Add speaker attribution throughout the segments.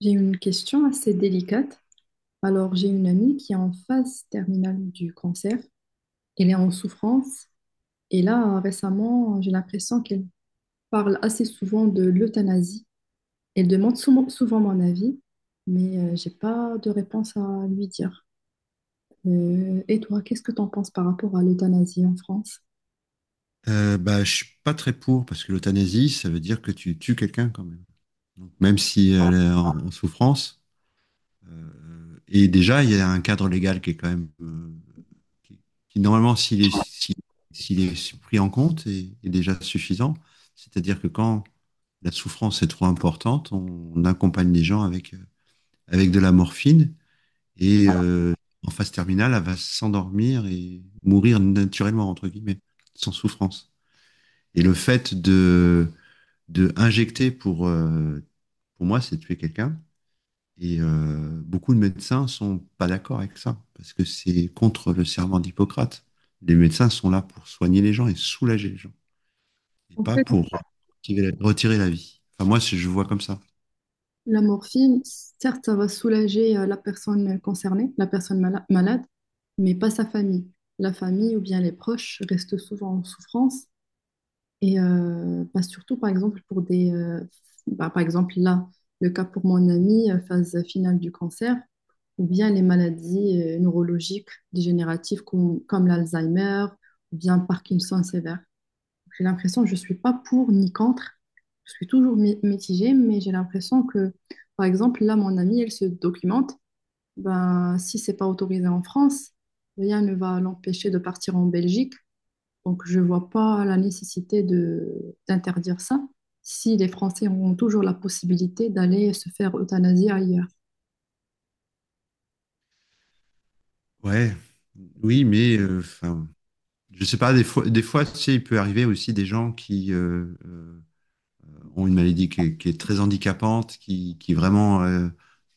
Speaker 1: J'ai une question assez délicate. Alors, j'ai une amie qui est en phase terminale du cancer. Elle est en souffrance. Et là, récemment, j'ai l'impression qu'elle parle assez souvent de l'euthanasie. Elle demande souvent, souvent mon avis, mais j'ai pas de réponse à lui dire. Et toi, qu'est-ce que tu en penses par rapport à l'euthanasie en France?
Speaker 2: Je suis pas très pour parce que l'euthanasie, ça veut dire que tu tues quelqu'un quand même. Donc, même si elle est en souffrance, et déjà il y a un cadre légal qui est quand même qui, qui, normalement s'il est pris en compte est déjà suffisant. C'est-à-dire que quand la souffrance est trop importante, on accompagne les gens avec avec de la morphine et euh, en phase terminale, elle va s'endormir et mourir naturellement entre guillemets, sans souffrance. Et le fait de injecter pour moi, c'est tuer quelqu'un. Beaucoup de médecins sont pas d'accord avec ça, parce que c'est contre le serment d'Hippocrate. Les médecins sont là pour soigner les gens et soulager les gens, et pas pour retirer la vie. Enfin, moi, je vois comme ça.
Speaker 1: La morphine, certes, ça va soulager la personne concernée, la personne malade, mais pas sa famille. La famille ou bien les proches restent souvent en souffrance et bah, surtout, par exemple, par exemple, là, le cas pour mon ami, phase finale du cancer, ou bien les maladies neurologiques dégénératives comme l'Alzheimer, ou bien Parkinson sévère. J'ai l'impression que je ne suis pas pour ni contre. Je suis toujours mitigée, mais j'ai l'impression que, par exemple, là, mon amie, elle se documente. Ben, si c'est pas autorisé en France, rien ne va l'empêcher de partir en Belgique. Donc, je ne vois pas la nécessité de d'interdire ça si les Français auront toujours la possibilité d'aller se faire euthanasier ailleurs.
Speaker 2: Ouais, oui, mais enfin, je sais pas, des fois, tu sais, il peut arriver aussi des gens qui ont une maladie qui est très handicapante, qui vraiment,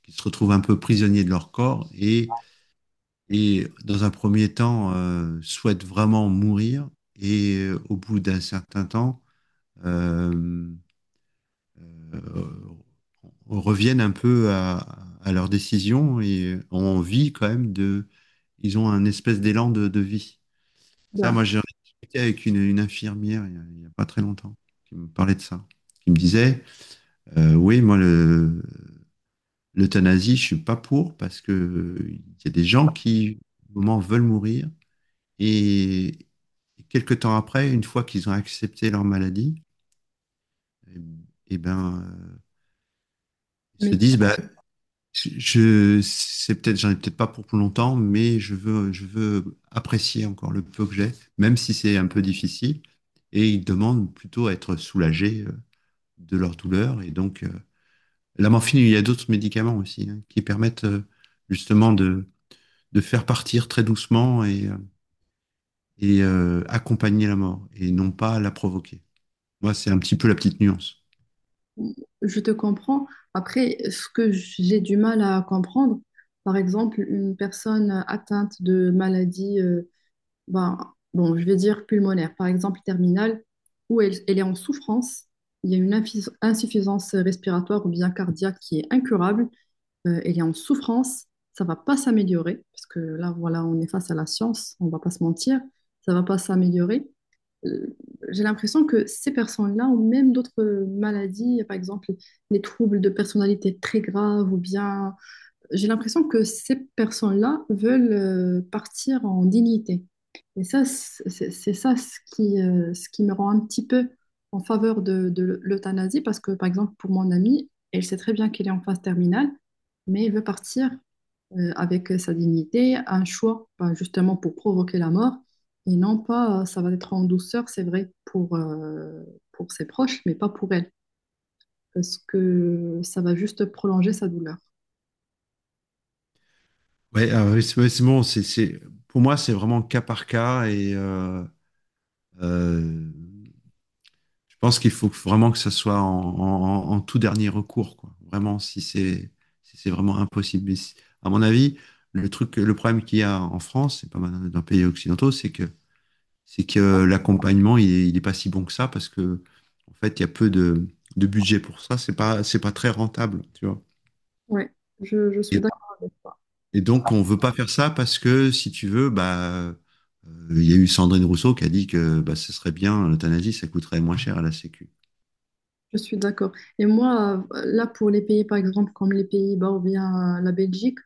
Speaker 2: qui se retrouvent un peu prisonniers de leur corps et dans un premier temps souhaitent vraiment mourir au bout d'un certain temps euh, euh, reviennent un peu à leur décision et ont envie quand même de... Ils ont un espèce d'élan de vie. Ça,
Speaker 1: Ben,
Speaker 2: moi, j'ai discuté avec une infirmière il y a pas très longtemps qui me parlait de ça, qui me disait, oui, moi, l'euthanasie, je suis pas pour parce que il y a des gens qui, au moment, veulent mourir. Et quelques temps après, une fois qu'ils ont accepté leur maladie, et ben, ils se
Speaker 1: mais
Speaker 2: disent, bah, c'est peut-être, j'en ai peut-être pas pour plus longtemps, mais je veux apprécier encore le peu que j'ai, même si c'est un peu difficile. Et ils demandent plutôt à être soulagés de leur douleur. Et donc, la morphine, il y a d'autres médicaments aussi hein, qui permettent justement de faire partir très doucement accompagner la mort et non pas la provoquer. Moi, c'est un petit peu la petite nuance.
Speaker 1: je te comprends. Après, ce que j'ai du mal à comprendre, par exemple, une personne atteinte de maladies, ben, bon, je vais dire pulmonaire, par exemple terminale, où elle est en souffrance, il y a une insuffisance respiratoire ou bien cardiaque qui est incurable, elle est en souffrance, ça va pas s'améliorer, parce que là, voilà, on est face à la science, on va pas se mentir, ça va pas s'améliorer. Euh, j'ai l'impression que ces personnes-là ont même d'autres maladies, par exemple les troubles de personnalité très graves ou bien j'ai l'impression que ces personnes-là veulent partir en dignité. Et ça, c'est ça ce qui me rend un petit peu en faveur de l'euthanasie, parce que, par exemple, pour mon amie, elle sait très bien qu'elle est en phase terminale, mais elle veut partir avec sa dignité, un choix, ben, justement, pour provoquer la mort, et non pas, ça va être en douceur, c'est vrai, pour ses proches, mais pas pour elle, parce que ça va juste prolonger sa douleur.
Speaker 2: Ouais, ah ouais, c'est bon. Pour moi, c'est vraiment cas par cas euh, je pense qu'il faut vraiment que ça soit en tout dernier recours, quoi. Vraiment, si c'est vraiment impossible. À mon avis, le problème qu'il y a en France, c'est pas mal dans les pays occidentaux, c'est que l'accompagnement, il est pas si bon que ça parce que en fait, il y a peu de budget pour ça. C'est pas très rentable, tu vois.
Speaker 1: Ouais, je suis.
Speaker 2: Et Et donc, on veut pas faire ça parce que, si tu veux, il y a eu Sandrine Rousseau qui a dit que bah, ce serait bien, l'euthanasie, ça coûterait moins cher à la Sécu.
Speaker 1: Je suis d'accord. Et moi, là, pour les pays, par exemple, comme les Pays-Bas ou bien la Belgique,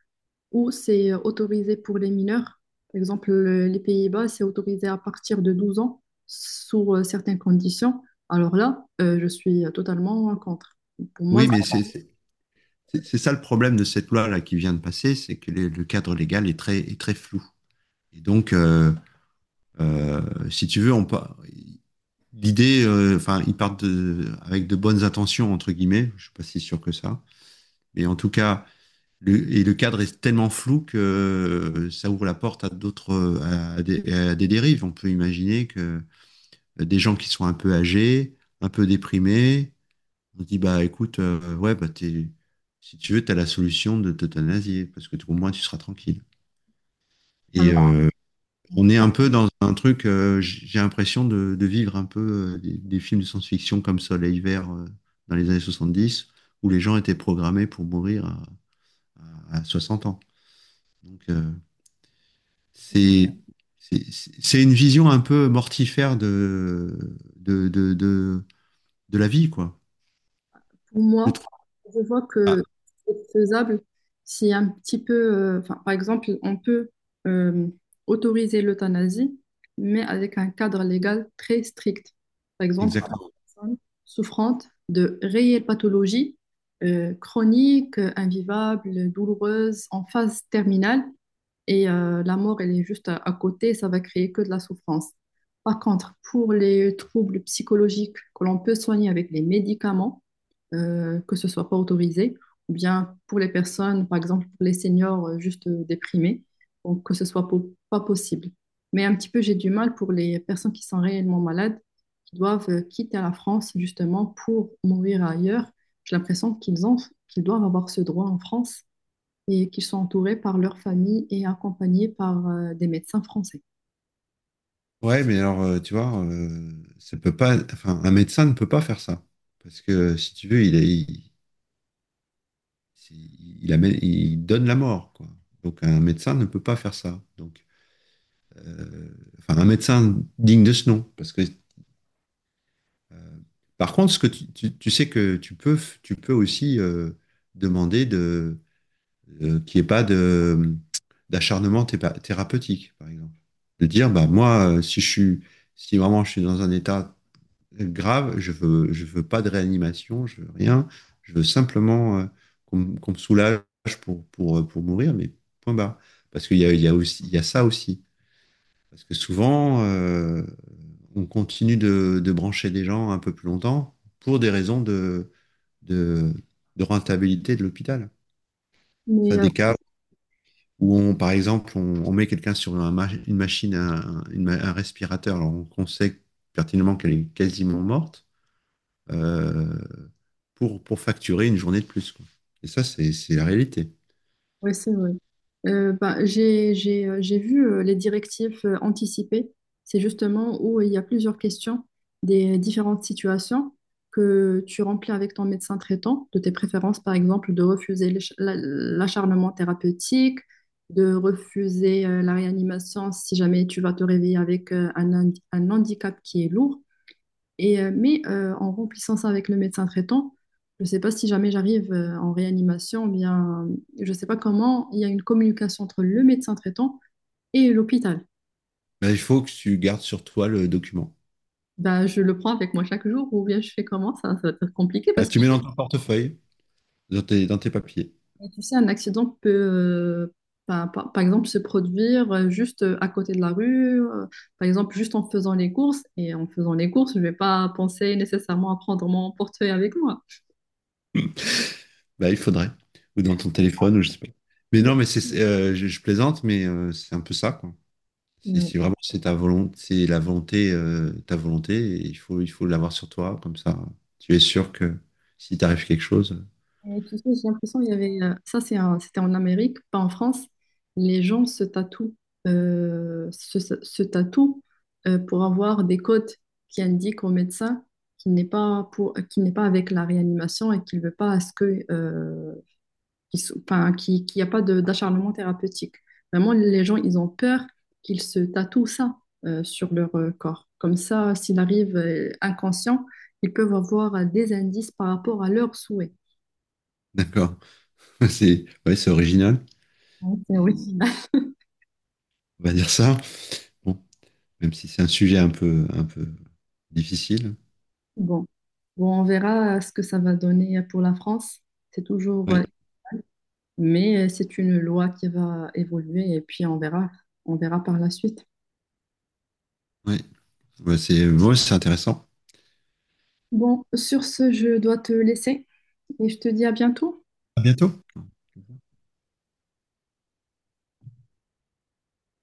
Speaker 1: où c'est autorisé pour les mineurs, par exemple, les Pays-Bas, c'est autorisé à partir de 12 ans, sous certaines conditions. Alors là, je suis totalement contre. Pour moi,
Speaker 2: Oui, c'est ça le problème de cette loi-là qui vient de passer, c'est que le cadre légal est est très flou. Et donc, euh, si tu veux, l'idée, enfin, ils partent avec de bonnes intentions, entre guillemets, je suis pas si sûr que ça, mais en tout cas, et le cadre est tellement flou que ça ouvre la porte à d'autres, à à des dérives. On peut imaginer que des gens qui sont un peu âgés, un peu déprimés, on dit, bah écoute, ouais, si tu veux, t'as la solution de t'euthanasier, parce que au moins tu seras tranquille. Et euh, on est un peu dans un truc, j'ai l'impression de vivre un peu des films de science-fiction comme Soleil Vert dans les années 70, où les gens étaient programmés pour mourir à 60 ans. Donc, c'est c'est- c'est- une vision un peu mortifère de, de, de, de la vie, quoi.
Speaker 1: pour
Speaker 2: Je
Speaker 1: moi,
Speaker 2: trouve.
Speaker 1: je vois
Speaker 2: Ah,
Speaker 1: que c'est faisable si un petit peu, enfin, par exemple, on peut euh, autoriser l'euthanasie, mais avec un cadre légal très strict. Par exemple, une
Speaker 2: exactement.
Speaker 1: personne souffrante de réelles pathologies chroniques, invivables, douloureuses, en phase terminale, et la mort, elle est juste à côté, ça va créer que de la souffrance. Par contre, pour les troubles psychologiques que l'on peut soigner avec les médicaments, que ce soit pas autorisé, ou bien pour les personnes, par exemple pour les seniors juste déprimés, donc que ce soit pas possible. Mais un petit peu, j'ai du mal pour les personnes qui sont réellement malades, qui doivent quitter la France justement pour mourir ailleurs. J'ai l'impression qu'ils doivent avoir ce droit en France et qu'ils sont entourés par leur famille et accompagnés par des médecins français.
Speaker 2: Ouais, mais alors, tu vois, ça peut pas, enfin, un médecin ne peut pas faire ça. Parce que, si tu veux, il, est- il, c'est- il amène- il donne la mort, quoi. Donc, un médecin ne peut pas faire ça. Donc, euh, enfin, un médecin digne de ce nom. Parce que, euh, par contre, ce que tu sais que tu peux aussi demander de qu'il n'y ait pas d'acharnement thérapeutique, par exemple. De dire, bah, moi, si vraiment je suis dans un état grave, je veux pas de réanimation, je veux rien, je veux simplement qu'on me soulage pour mourir, mais point barre. Parce qu'il y a aussi, il y a ça aussi. Parce que souvent, on continue de brancher des gens un peu plus longtemps pour des raisons de, de rentabilité de l'hôpital. Ça,
Speaker 1: Mais
Speaker 2: des cas où on, par exemple, on met quelqu'un sur une machine, un respirateur, qu'on sait pertinemment qu'elle est quasiment morte, euh, pour facturer une journée de plus, quoi. Et ça, c'est la réalité.
Speaker 1: oui, c'est vrai. J'ai vu les directives anticipées. C'est justement où il y a plusieurs questions des différentes situations que tu remplis avec ton médecin traitant, de tes préférences, par exemple, de refuser l'acharnement thérapeutique, de refuser la réanimation si jamais tu vas te réveiller avec un handicap qui est lourd. En remplissant ça avec le médecin traitant, je ne sais pas si jamais j'arrive en réanimation, ou bien, je ne sais pas comment, il y a une communication entre le médecin traitant et l'hôpital.
Speaker 2: Mais il faut que tu gardes sur toi le document.
Speaker 1: Bah, je le prends avec moi chaque jour, ou bien je fais comment? Ça va être compliqué
Speaker 2: Bah,
Speaker 1: parce que
Speaker 2: tu mets dans ton portefeuille, dans dans tes papiers.
Speaker 1: tu sais, un accident peut, par exemple, se produire juste à côté de la rue, par exemple, juste en faisant les courses. Et en faisant les courses, je ne vais pas penser nécessairement à prendre mon portefeuille avec moi.
Speaker 2: Bah, il faudrait. Ou dans ton téléphone, ou je sais pas. Mais non, mais je plaisante, mais c'est un peu ça, quoi.
Speaker 1: Ouais.
Speaker 2: Si vraiment c'est ta volonté, ta volonté, il faut l'avoir sur toi, comme ça, tu es sûr que si t'arrive quelque chose,
Speaker 1: Et tu sais, j'ai l'impression qu'il y avait... ça, c'est c'était en Amérique, pas en France. Les gens se tatouent, se tatouent pour avoir des codes qui indiquent au médecin qu'il n'est pas, pour, qu'il n'est pas avec la réanimation et qu'il ne veut pas à ce que, enfin, qu'il n'y a pas d'acharnement thérapeutique. Vraiment, les gens, ils ont peur qu'ils se tatouent ça sur leur corps. Comme ça, s'il arrive inconscient, ils peuvent avoir des indices par rapport à leurs souhaits.
Speaker 2: d'accord, ouais, c'est original, mais
Speaker 1: Oui.
Speaker 2: on va dire ça, bon, même si c'est un sujet un peu difficile.
Speaker 1: Bon. Bon, on verra ce que ça va donner pour la France. C'est toujours, euh,
Speaker 2: Ouais,
Speaker 1: mais c'est une loi qui va évoluer et puis on verra par la suite.
Speaker 2: ouais, Ouais, ouais, c'est intéressant.
Speaker 1: Bon, sur ce, je dois te laisser et je te dis à bientôt.
Speaker 2: À bientôt.